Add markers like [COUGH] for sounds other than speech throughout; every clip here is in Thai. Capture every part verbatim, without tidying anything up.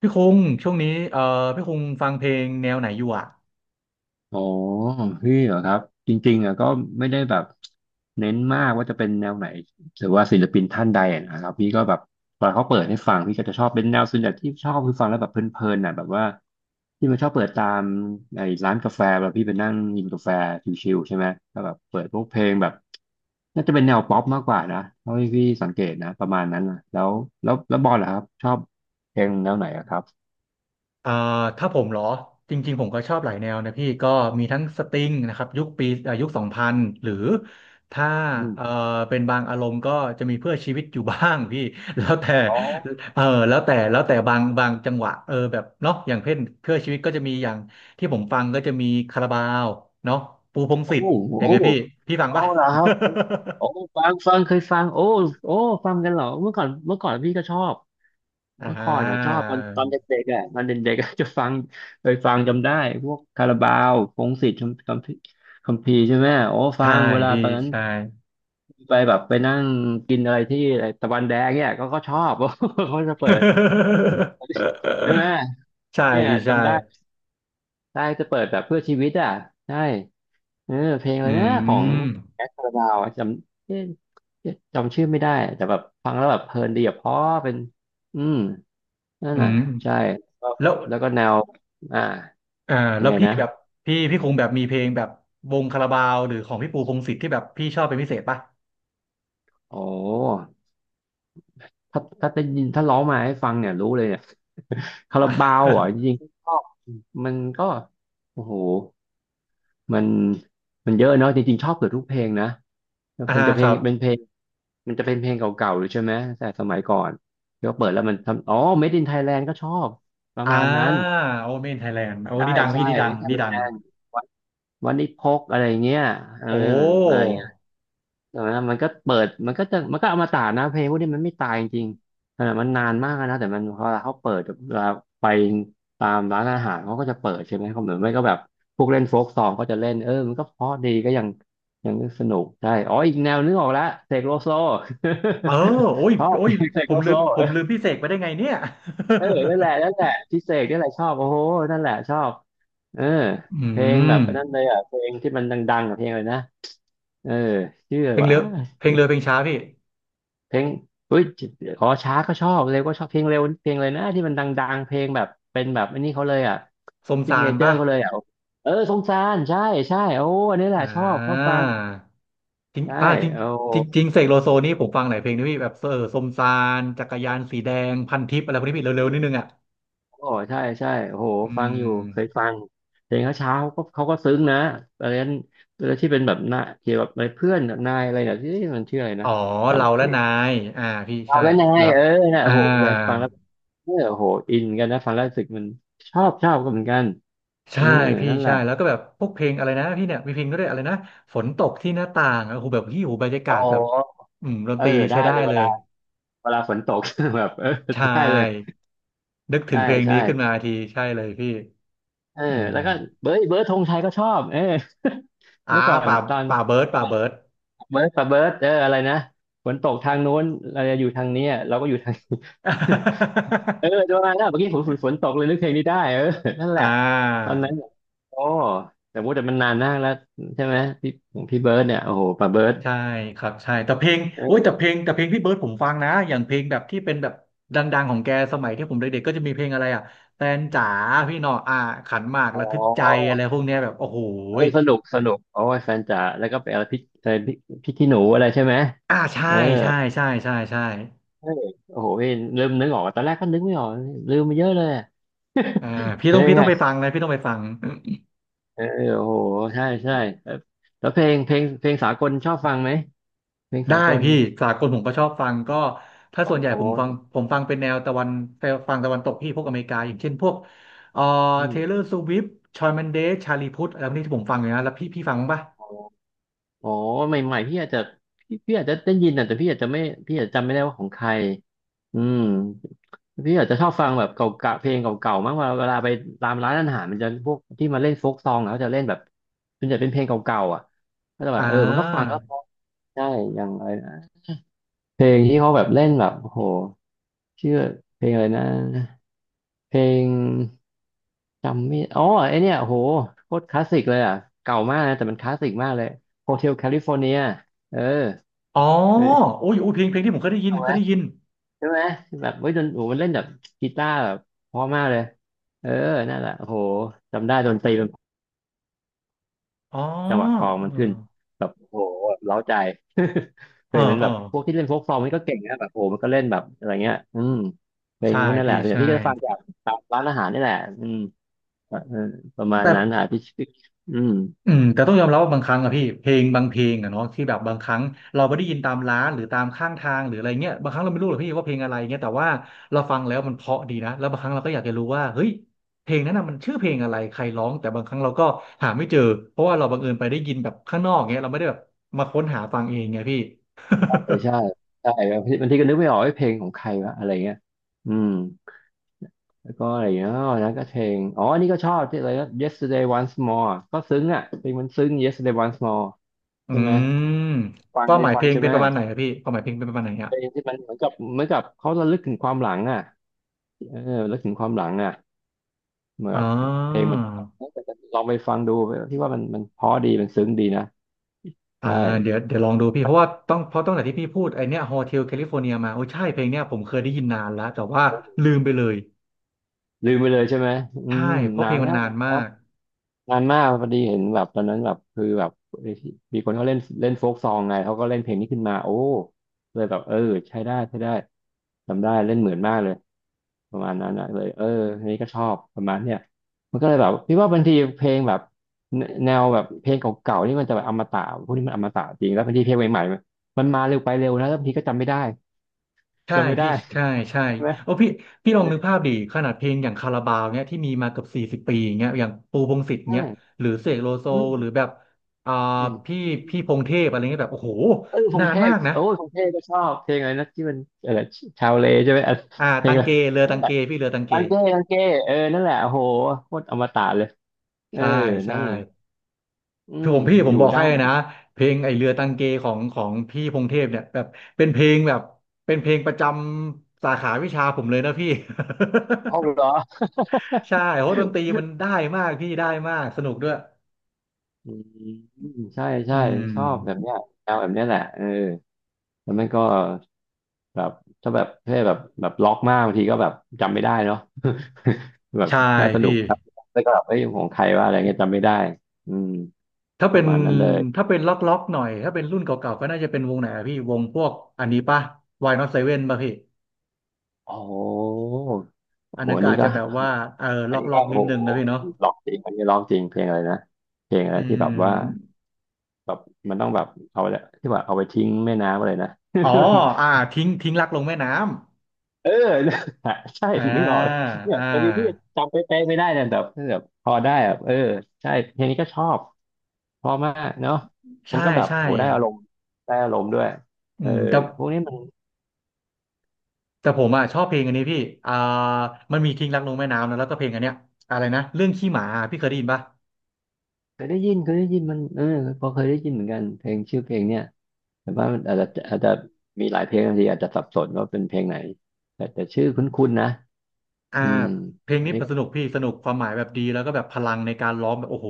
พี่คุงช่วงนี้เอ่อพี่คุงฟังเพลงแนวไหนอยู่อ่ะอ๋อพี่เหรอครับจริงๆอ่ะก็ไม่ได้แบบเน้นมากว่าจะเป็นแนวไหนหรือว่าศิลปินท่านใดอะนะครับพี่ก็แบบตอนเขาเปิดให้ฟังพี่ก็จะชอบเป็นแนวส่วนใหญ่ที่ชอบคือฟังแล้วแบบเพลินๆน่ะแบบว่าที่มันชอบเปิดตามไอ้ร้านกาแฟแบบพี่ไปนั่งกินกาแฟชิลๆใช่ไหมก็แบบเปิดพวกเพลงแบบน่าจะเป็นแนวป๊อปมากกว่านะเท่าที่พี่สังเกตนะประมาณนั้นนะแล้วแล้วแล้วบอลเหรอครับชอบเพลงแนวไหนอะครับเอ่อถ้าผมเหรอจริงๆผมก็ชอบหลายแนวนะพี่ก็มีทั้งสตริงนะครับยุคปีเอ่อยุคสองพันหรือถ้าอืเอ่อมเป็นบางอารมณ์ก็จะมีเพื่อชีวิตอยู่บ้างพี่ [LAUGHS] แล้วแต่อ๋อเออแล้วแต่แล้วแต่บางบางจังหวะเออแบบเนาะอย่างเช่นเพื่อชีวิตก็จะมีอย่างที่ผมฟังก็จะมีคาราบาวเนาะปูพงษ์โอ้สิทโห ธิ์อย่างไงพี่พี่ฟังอ๋อปะ เหรอครับ [LAUGHS] โอ้ฟังฟังเคยฟังโอ้โอ้ฟังกันเหรอเมื่อก่อนเมื่อก่อนพี่ก็ชอบอ่เมื่อก่อนอ่ะชอาบตอนตอนเด็กๆอ่ะตอนเด็กๆอะจะฟังเคยฟังจำได้พวกคาราบาวพงษ์สิทธิ์คัมคัมภีร์คัมภีร์ใช่ไหมโอ้ฟัใช่งเวลาพี่ตอนนั้นใช่ ไปแบบไปนั่งกินอะไรที่อะไรตะวันแดงเนี่ยก็ก็ชอบ [LAUGHS] เขาจะเปิ [LAUGHS] ดใช่ไหมใช่เนี่ยพี่ใช่จำได้ได้จะเปิดแบบเพื่อชีวิตอ่ะใช่ เออเพลงอะอืไรนะของมแอดคาราบาวอะจำเอ๊ะเอ๊ะจำชื่อไม่ได้แต่แบบฟังแล้วแบบเพลินดีอะเพราะเป็นอืมนั่นอืน่ะมใช่แล้วแล้วแล้วก็แนวอ่าอ่ายัแล้งวไงพี่นะแบบพี่พี่คงแบบมีเพลงแบบวงคาราบาวหรือของพี่ปูพงษ์สิทธิ์ที่แบบพี่ชอบเป็นพิเศษป่ะโอ้ถ้าถ้าได้ยินถ้าร้องมาให้ฟังเนี่ยรู้เลยเนี่ย [LAUGHS] คาราบาวเหรอ่ะอจริงๆก็มันก็โอ้โห มันมันเยอะเนาะจริงๆชอบเกือบทุกเพลงนะ่า [LAUGHS] มันอ่าจะเพคลงรับเป็นเพลงมันจะเป็นเพลงเก่าๆหรือใช่ไหมแต่สมัยก่อนที่เขาเปิดแล้วมันทำอ๋อ Made in Thailand ก็ชอบประอ่ามาณนั้นโอเมนไทยแลนด์โอ้ใช่นี่ดังใช่ พี่นี่ดั Made ง in นี่ดัง Thailand วันวันนี้พกอะไรเงี้ยเออโอ้อะไร แต่ว่ามันก็เปิดมันก็จะมันก็อมตะนะเพลงพวกนี้มันไม่ตายจริงๆขนาดมันนานมากนะแต่มันพอเขาเปิดเวลาไปตามร้านอาหารเขาก็จะเปิดใช่ไหมเขาเหมือนไม่ก็แบบพวกเล่นโฟกซองก็จะเล่นเออมันก็เพราะดีก็ยังยังสนุกใช่อ๋ออีกแนวนึกออกแล้วเสกโลโซ เออโอ้ย [LAUGHS] ชอบโอ้ยเสผกโลมลืโซมผมลืมพี่เสกไปได้ไงเนี่ย เออนั่นแหละนั่นแหละพี่เสกนี่แหละชอบโอ้โหนั่นแหละชอบเออ [LAUGHS] อืเพลงแบบม นั้นเลยอ่ะเพลงที่มันดังๆกับเพลงเลยนะเออชื่ออะไรเพลงวะ เรือเพลงเรือเพลงช้าพี่เพลงเฮ้ยอ๋อช้าก็ชอบเร็วก็ชอบเพลงเร็วเพลงเลยนะที่มันดังๆเพลงแบบเป็นแบบอันนี้เขาเลยอ่ะสมซิกสาเนรเจอป่ะร์เขาเลยอ่ะเออสงสารใช่ใช่โอ้อันนี้แหละอ่ชอบชอบา ฟังจริงใช่อ่าจริงโอ้จริงจริงเสกโลโซนี่ผมฟังหลายเพลงนะพี่แบบเออสมซานจักรยานสีแดงพันทิปอะไรพวกนี้พี่เร็วๆนิดนึงอ่ะโอ้ใช่ใช่โอ้โหอืฟังอยู่เคยมฟังเพลงเขาเช้าก็เขาก็ซึ้งนะอะไรนั้นแล้วที่เป็นแบบหน้าเกี่ยวกับอะไรเพื่อนนายอะไรเนี่ยที่มันชื่ออะไรอ๋นะอจเราและนายอ่าพี่ำเอาใช่แล้วนายแล้วเออนะอ่าโอ้โหฟังแล้วเออโอ้โหอินกันนะฟังแล้วรู้สึกมันชอบชอบก็เหมือนกันเอใช่อพี่นั่นแหใช่ละ แล้วก็แบบพวกเพลงอะไรนะพี่เนี่ยมีเพลงก็ได้วยอะไรนะฝนตกที่หน้าต่างโอ้โหแบบพี่โอ้โหบรรยากาอ๋ศอแบบอืมดนเอตอรีใช้ได้ได้เลยเวเลลายเวลาฝนตก [LAUGHS] แบบเออใช่ได้เลยนึกถึใช่งเพลงใช่นี้ขึ้นมาทีใช่เลยพี่เอออืแล้มวก็เบิร์ดเบิร์ดธงชัยก็ชอบเออ [LAUGHS] อ่าเมื่อก่อนป่าตอนป่าเบิร์ดเวป่าลาเบิร์ด เบิร์ดกับเบิร์ดเอออะไรนะฝนตกทางโน้นเราจะอยู่ทางเนี้ยเราก็อยู่ทาง [LAUGHS] นี้ [LAUGHS] เออจะ [LAUGHS] มาแล้วเมื่อกี้ฝนฝนฝนตกเลยนึกเพลงนี้ได้เออนั่นแหอ่ละตอานนั้นโอ้แต่ว่าแต่มันนานมากแล้วใช่ไหมพี่ของพี่เบิร์ดเนี่ยโอ้โหป้าเบิร์ดใช่ครับใช่แต่เพลงโอ้ยเออแต่เพลงแต่เพลงพี่เบิร์ดผมฟังนะอย่างเพลงแบบที่เป็นแบบดังๆของแกสมัยที่ผมเด็กๆก็จะมีเพลงอะไรอ่ะแฟนจ๋าพี่หนออ่าขันหมากอ๋ระทึกใจอ อะไรพวกเนี้ยแบบโอ้โหเออสนุกสนุกโอ้ยแฟนจ๋าแล้วก็ไปเอาพริกแฟนพริกพริกขี้หนูอะไรใช่ไหมอ่าใช่เออใช่ใช่ใช่ใช่เออโอ้โหพี่เริ่มนึกออกตอนแรกก็นึกไม่ออกลืมไปเยอะเลยอะอ่าพี่เพต้ลองงพี่ต้องไปฟัไงงนะพี่ต้องไปฟัง เออโอ้โหใช่ใช่แล้วแล้วเพลงเพลงเพลงสากลชอบฟังไหมเพลงได้สากลพี่สากลผมก็ชอบฟังก็ถ้าโอ้ส่วนใหญ่โหผมฟังผมฟังเป็นแนวตะวันฟังตะวันตกพี่พวกอเมริกาอย่างเช่นพวกเอ่ออืเทมเลอร์สวิฟต์ชอยแมนเดสชาลีพุทอะไรพวกนี้ที่ผมฟังอยู่นะแล้วพี่พี่ฟังบ้างปะโอ้โหใหม่ๆพี่อาจจะพี่พี่อาจจะได้ยินอะแต่พี่อาจจะไม่พี่อาจจะจำไม่ได้ว่าของใครอืม พี่อาจจะชอบฟังแบบเก่าๆเพลงเก่าๆ มากกว่าเวลาไปตามร้านอาหารมันจะพวกที่มาเล่นโฟกซองอะเขาจะเล่นแบบส่วนใหญ่เป็นเพลงเก่าๆ อ่ะก็จะแบอ่บเออมันก็ฟังาแล้วเพราะใช่อย่างอะไรนะเพลงที่เขาแบบเล่นแบบโอ้โหชื่อเพลงอะไรนะเพลงจำไม่อ๋อไอเนี่ยโอ้โหโคตรคลาสสิกเลยอ่ะเก่ามากนะแต่มันคลาสสิกมากเลย โฮเทล แคลิฟอร์เนีย เอออ๋อเคยโอ้ยโอ้ยเพลงเพลงที่ผมเคยได้ยินเอาเคไหม ยได้ยินใช่ไหมแบบเฮ้ยดนโอ้โหมันเล่นแบบกีตาร์แบบเพราะมากเลยเออนั่นแหละโอ้โหจำได้ดนตรีมันอ๋อจังหวะกลองมันเออขึ้นแบบโอ้โหแบบเร้าใจ [LAUGHS] เคเออยเหมือนเอแบอบพวกที่เล่นโฟกซองนี่ก็เก่งนะแบบโอ้โหมันก็เล่นแบบอะไรเงี้ยอืมเพลงใช่พวกนั่นแหพี่ละส่วนใหญ่ใช่พี่ก็จะฟังจากตามร้านอาหารนี่แหละอืมเออประมาณแต่ นั้นอ่ะพี่พี่อืมอืมแต่ต้องยอมรับว่าบางครั้งอะพี่เพลงบางเพลงอะเนาะที่แบบบางครั้งเราไม่ได้ยินตามร้านหรือตามข้างทางหรืออะไรเงี้ยบางครั้งเราไม่รู้หรอกพี่ว่าเพลงอะไรเงี้ยแต่ว่าเราฟังแล้วมันเพราะดีนะแล้วบางครั้งเราก็อยากจะรู้ว่าเฮ้ยเพลงนั้นน่ะมันชื่อเพลงอะไรใครร้องแต่บางครั้งเราก็หาไม่เจอเพราะว่าเราบังเอิญไปได้ยินแบบข้างนอกเงี้ยเราไม่ได้แบบมาค้นหาฟังเองไงพี่ [LAUGHS] ใช่ใช่ใช่บางทีบางทีก็นึกไม่ออกว่าเพลงของใครวะอะไรเงี้ยอืม แล้วก็อะไรอย่างเงี้ยอ๋อแล้วก็เพลงอ๋ออันนี้ก็ชอบที่อะไรก็ Yesterday Once More ก็ซึ้งอ่ะเพลงมันซึ้ง Yesterday Once More อืใช่ไหมมฟัคงวามหให้มายฟัเพงลงใช่เป็ไหนมประมาณไหนอะพี่ความหมายเพลงเป็นประมาณไหนอะเพลงที่มันเหมือนกับเหมือนกับเขาระลึกถึงความหลังอ่ะเออระลึกถึงความหลังอ่ะเหมือนอ่กับเพลงา มันจะแบบเออแต่ลองไปฟังดูที่ว่ามันมันเพราะดี มันซึ้งดีนะอ่าใช่เดี๋ยวเดี๋ยวลองดูพี่เพราะว่าต้องเพราะตั้งแต่ที่พี่พูดไอเนี้ยโฮเทลแคลิฟอร์เนียมาโอ้ใช่เพลงเนี้ยผมเคยได้ยินนานแล้วแต่ว่าลืมไปเลยลืมไปเลยใช่ไหมอืมใช่เพราะนาเพลนงมัแล้นวนานานนแล้มาว กนานมากพอดีเห็นแบบตอนนั้นแบบคือแบบเอ้ยมีคนเขาเล่นเล่นโฟกซองไงเขาก็เล่นเพลงนี้ขึ้นมาโอ้เลยแบบเออใช้ได้ใช้ได้จำได้เล่นเหมือนมากเลยประมาณนั้นอะเลยเอออันนี้ก็ชอบประมาณเนี้ยมันก็เลยแบบพี่ว่าบางทีเพลงแบบแนวแบบเพลงเก่าๆนี่มันจะแบบอมตะพวกนี้มันอมตะจริงแล้วบางทีเพลงใหม่ๆมันมาเร็วไปเร็วนะแล้วบางทีก็จำไม่ได้ใช่จำไม่ได้พี่ใช่ใช่ใช่ไหมโอ้พี่พี่ลเออองนึกภาพดิขนาดเพลงอย่างคาราบาวเนี้ยที่มีมาเกือบสี่สิบปีอย่างเงี้ยอย่างปูพงษ์สิทธิ์เงี้ยใช่หรือเสกโลโซอืหรือมแบบอ่าอืม พี่พี่พงษ์เทพอะไรเงี้ยแบบโอ้โหเออพนางนเทมาพกนะโอ้ยพงเทพก็ชอบเพลงอะไรนะที่มันอะไรชาวเลใช่ไหมอ่ะอ่าเพลตังงอะไรเกเรือนั่ตันงแหเกละพี่เรือตังเกตังเก้ตังเก้เออนั่นแหละโอ้โหโคตรอมตะเลยเออใช่ใช่ นั่นอืคือมผมพี่ผอมยู่บอกได้ให้นะเพลงไอเรือตังเกของของพี่พงเทพเนี่ยแบบเป็นเพลงแบบเป็นเพลงประจำสาขาวิชาผมเลยนะพี่ [LAUGHS] หองเหรอ [LAUGHS] ใช่เพราะดนตรีมันได้มากพี่ได้มากสนุกด้วยอืมใช่อืใช่ชอบแบบมเนี้ยแนวแบบเนี้ยแหละเออแล้วมันก็แบบถ้าแบบเท่แบบแบบล็อกมากบางทีก็แบบจำไม่ได้เนาะ [LAUGHS] แบบใช่แค่สนุพี่กครับแล้วก็แบบเอ้ยของใครว่าอะไรเงี้ยจำไม่ได้อืมถ้าปเป็ระนมาณนั้นเลยถ้าเป็นล็อกล็อกหน่อยถ้าเป็นรุ่นเก่าๆก็น่าจะเป็นวงไหนอะพี่วงพวกอันนี้ป่ะ Why Not Seven ป่ะพี่โอ้ อันโหนั้นอันก็นี้อาจก็จะแบบว่าเอออัล็นอกนี้ล็อก็กโอ้นิดนึโหงนะพี่เนาะร้องจริงอันนี้ร้องจริงเพลงอะไรนะเพลงอะอืไรที่แบบว่ามแบบมันต้องแบบเอาไปที่ว่าเอาไปทิ้งแม่น้ำอะไรนะ อ๋ออ่าทิ้งทิ้งรักลงแม่น้ำ [LAUGHS] เออ [LAUGHS] เนี่ยใช่อ่านึกออกเลยเนี่ยอ่าบางทีพี่จำไปเป๊ะๆไม่ได้นะแต่แบบพอได้แบบเออใช่เพลงนี้ก็ชอบเพอมากเนาะมัใช่นก็แบบใช่โหได้อารมณ์ได้อารมณ์ด้วยอืเออมแต่เนี่ยพวกนี้มันแต่ผมอ่ะชอบเพลงอันนี้พี่อ่ามันมีทิ้งรักลงแม่น้ำนะแล้วก็เพลงอันเนี้ยอะไรนะเรื่องขี้หมาพี่เคยได้ยินปะเคยได้ยินเคยได้ยินมันเออพอเคยได้ยินเหมือนกันเพลงชื่อเพลงเนี่ย แต่ว่ามันอาจจะอาจจะมีหลายเพลงบางทีอาจจะสับสนว่าเป็นเพลงไหนแต่แต่ชื่อคุ้นๆนะอ่าอืมเพลงอันนี้นี้ก็สนุกพี่สนุกความหมายแบบดีแล้วก็แบบพลังในการร้องแบบโอ้โห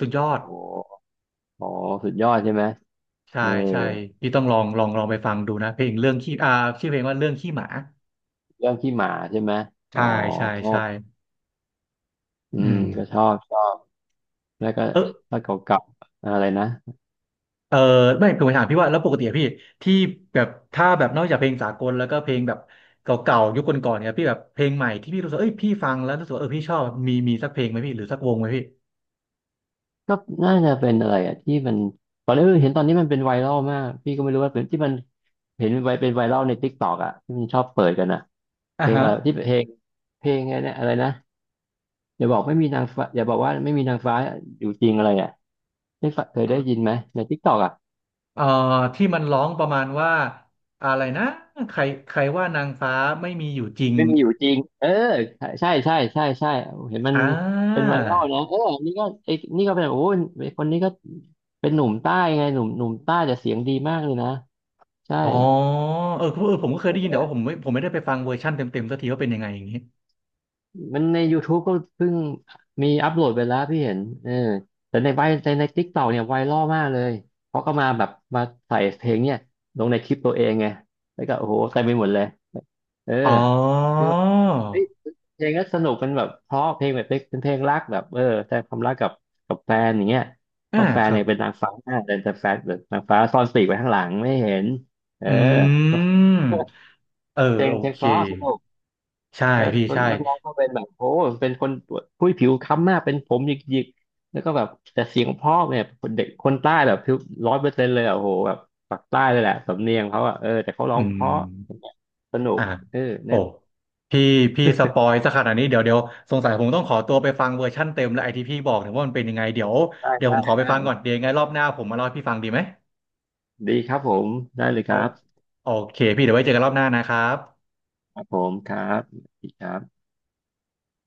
สุดยอโอ้ดโหอ๋อสุดยอดใช่ไหมใช่เออใช่พี่ต้องลองลองลองไปฟังดูนะเพลงเรื่องขี้อ่าชื่อเพลงว่าเรื่องขี้หมาเรื่องขี้หมาใช่ไหมอ๋อใช่ใช่ใช่อือืมมก็ชอบชอบแล้วก็เออ ถ้าเก่าๆอะไรนะเออไม่คือผมถามพี่ว่าแล้วปกติอะพี่ที่แบบถ้าแบบนอกจากเพลงสากลแล้วก็เพลงแบบเก่าๆยุคก่อนๆเนี่ยพี่แบบเพลงใหม่ที่พี่รู้สึกเอ้ยพี่ฟังแล้วรู้สึกว่าเออพี่ชอบมีมีสักเพลงไหมพี่หรือสักวงไหมพี่ก็น่าจะเป็นอะไรอ่ะที่มันตอนนี้เห็นตอนนี้มันเป็นไวรัลมากพี่ก็ไม่รู้ว่าเป็นที่มันเห็นไวเป็นไวรัลใน t ิ k กต k อกอ่ะที่มันชอบเปิดกันอ่ะเพอ่าลงฮะอะไรที่เพลงเพลงอะไรเนี่ยอะไรนะ อย่าบอกไม่มีนางฟ้าอย่าบอกว่าไม่มีนางฟ้าอยู่จริงอะไรอ่ะได้ฟงเคยได้ยินไหมในทิกตอกอ่ะเอ่อที่มันร้องประมาณว่าอะไรนะใครใครว่านางฟ้าไม่มีอยู่จริงไม่มีอยู่จริงเออใช่ใช่ใช่ใช่เห็นมันอ่เป็นาไวรัลนะเออนี่ก็ไอ้นี่ก็เป็นโอ้ยคนนี้ก็เป็นหนุ่มใต้ไงหนุ่มหนุ่มใต้แต่เสียงดีมากเลยนะใช่ อ๋อเออเออผมก็เคยได้ยินแต่ว่าผมไม่ผมไม่ได้ไปฟังเวอร์ชันเต็มๆสักทีว่าเป็นยังไงอย่างนี้มันในยูทู u ก็เพิ่งมีอัปโหลดไปแล้วพี่เห็นเออแต่ในไวในใน t i k t อกเนี่ยไวรัลมากเลยเพราะก็มาแบบมาใส่เพลงเนี่ยลงในคลิปตัวเองไงแล้วก็โอ้โหเต็มไปหมดเลยเอออ๋อคือแบบเอ้ยเพลงก็สนุกเป็นแบบเพราะเพลงแบบเป็นเพลงรักแบบเออแสดงความรักกับกับแฟนอย่างเงี้ยเพอ่าราะแฟคนรัเนี่บยเป็นนางฟ้าแต่แต่แฟนแบบนางฟ้าซ่อนปีกไว้ข้างหลังไม่เห็นเออ อื [LAUGHS] ม เออเพลงโอเพลงเคเพราะสนุก ใช่แล้วพี่คนใช่นักร้องก็เป็นแบบโอ้เป็นคนผู้ยผิวค้ำมากเป็นผมหยิกๆแล้วก็แบบแต่เสียงเพ่อเนี่ยเด็กคนใต้แบบผิวร้อยเปอร์เซ็นต์เลยอะโอ้โหแบบปากใต้เลยแหละสำเนียงเขาอะเออแต่เขาร้อืองเพมราะสนุกอ่ะเออโอ้แน่พี่พี่สปอยซะขนาดนี้เดี๋ยวเดี๋ยวสงสัยผมต้องขอตัวไปฟังเวอร์ชั่นเต็มและไอที่พี่บอกเนี่ยว่ามันเป็นยังไงเดี๋ยวได้เดี๋ยวผได้มขอไปได้ฟังก่อนเดี๋ยวยังไงรอบหน้าผมมาเล่าให้พี่ฟังดีไหมดีครับผมได้เลยโอครับโอเคพี่เดี๋ยวไว้เจอกันรอบหน้านะครับครับผมครับดีครับ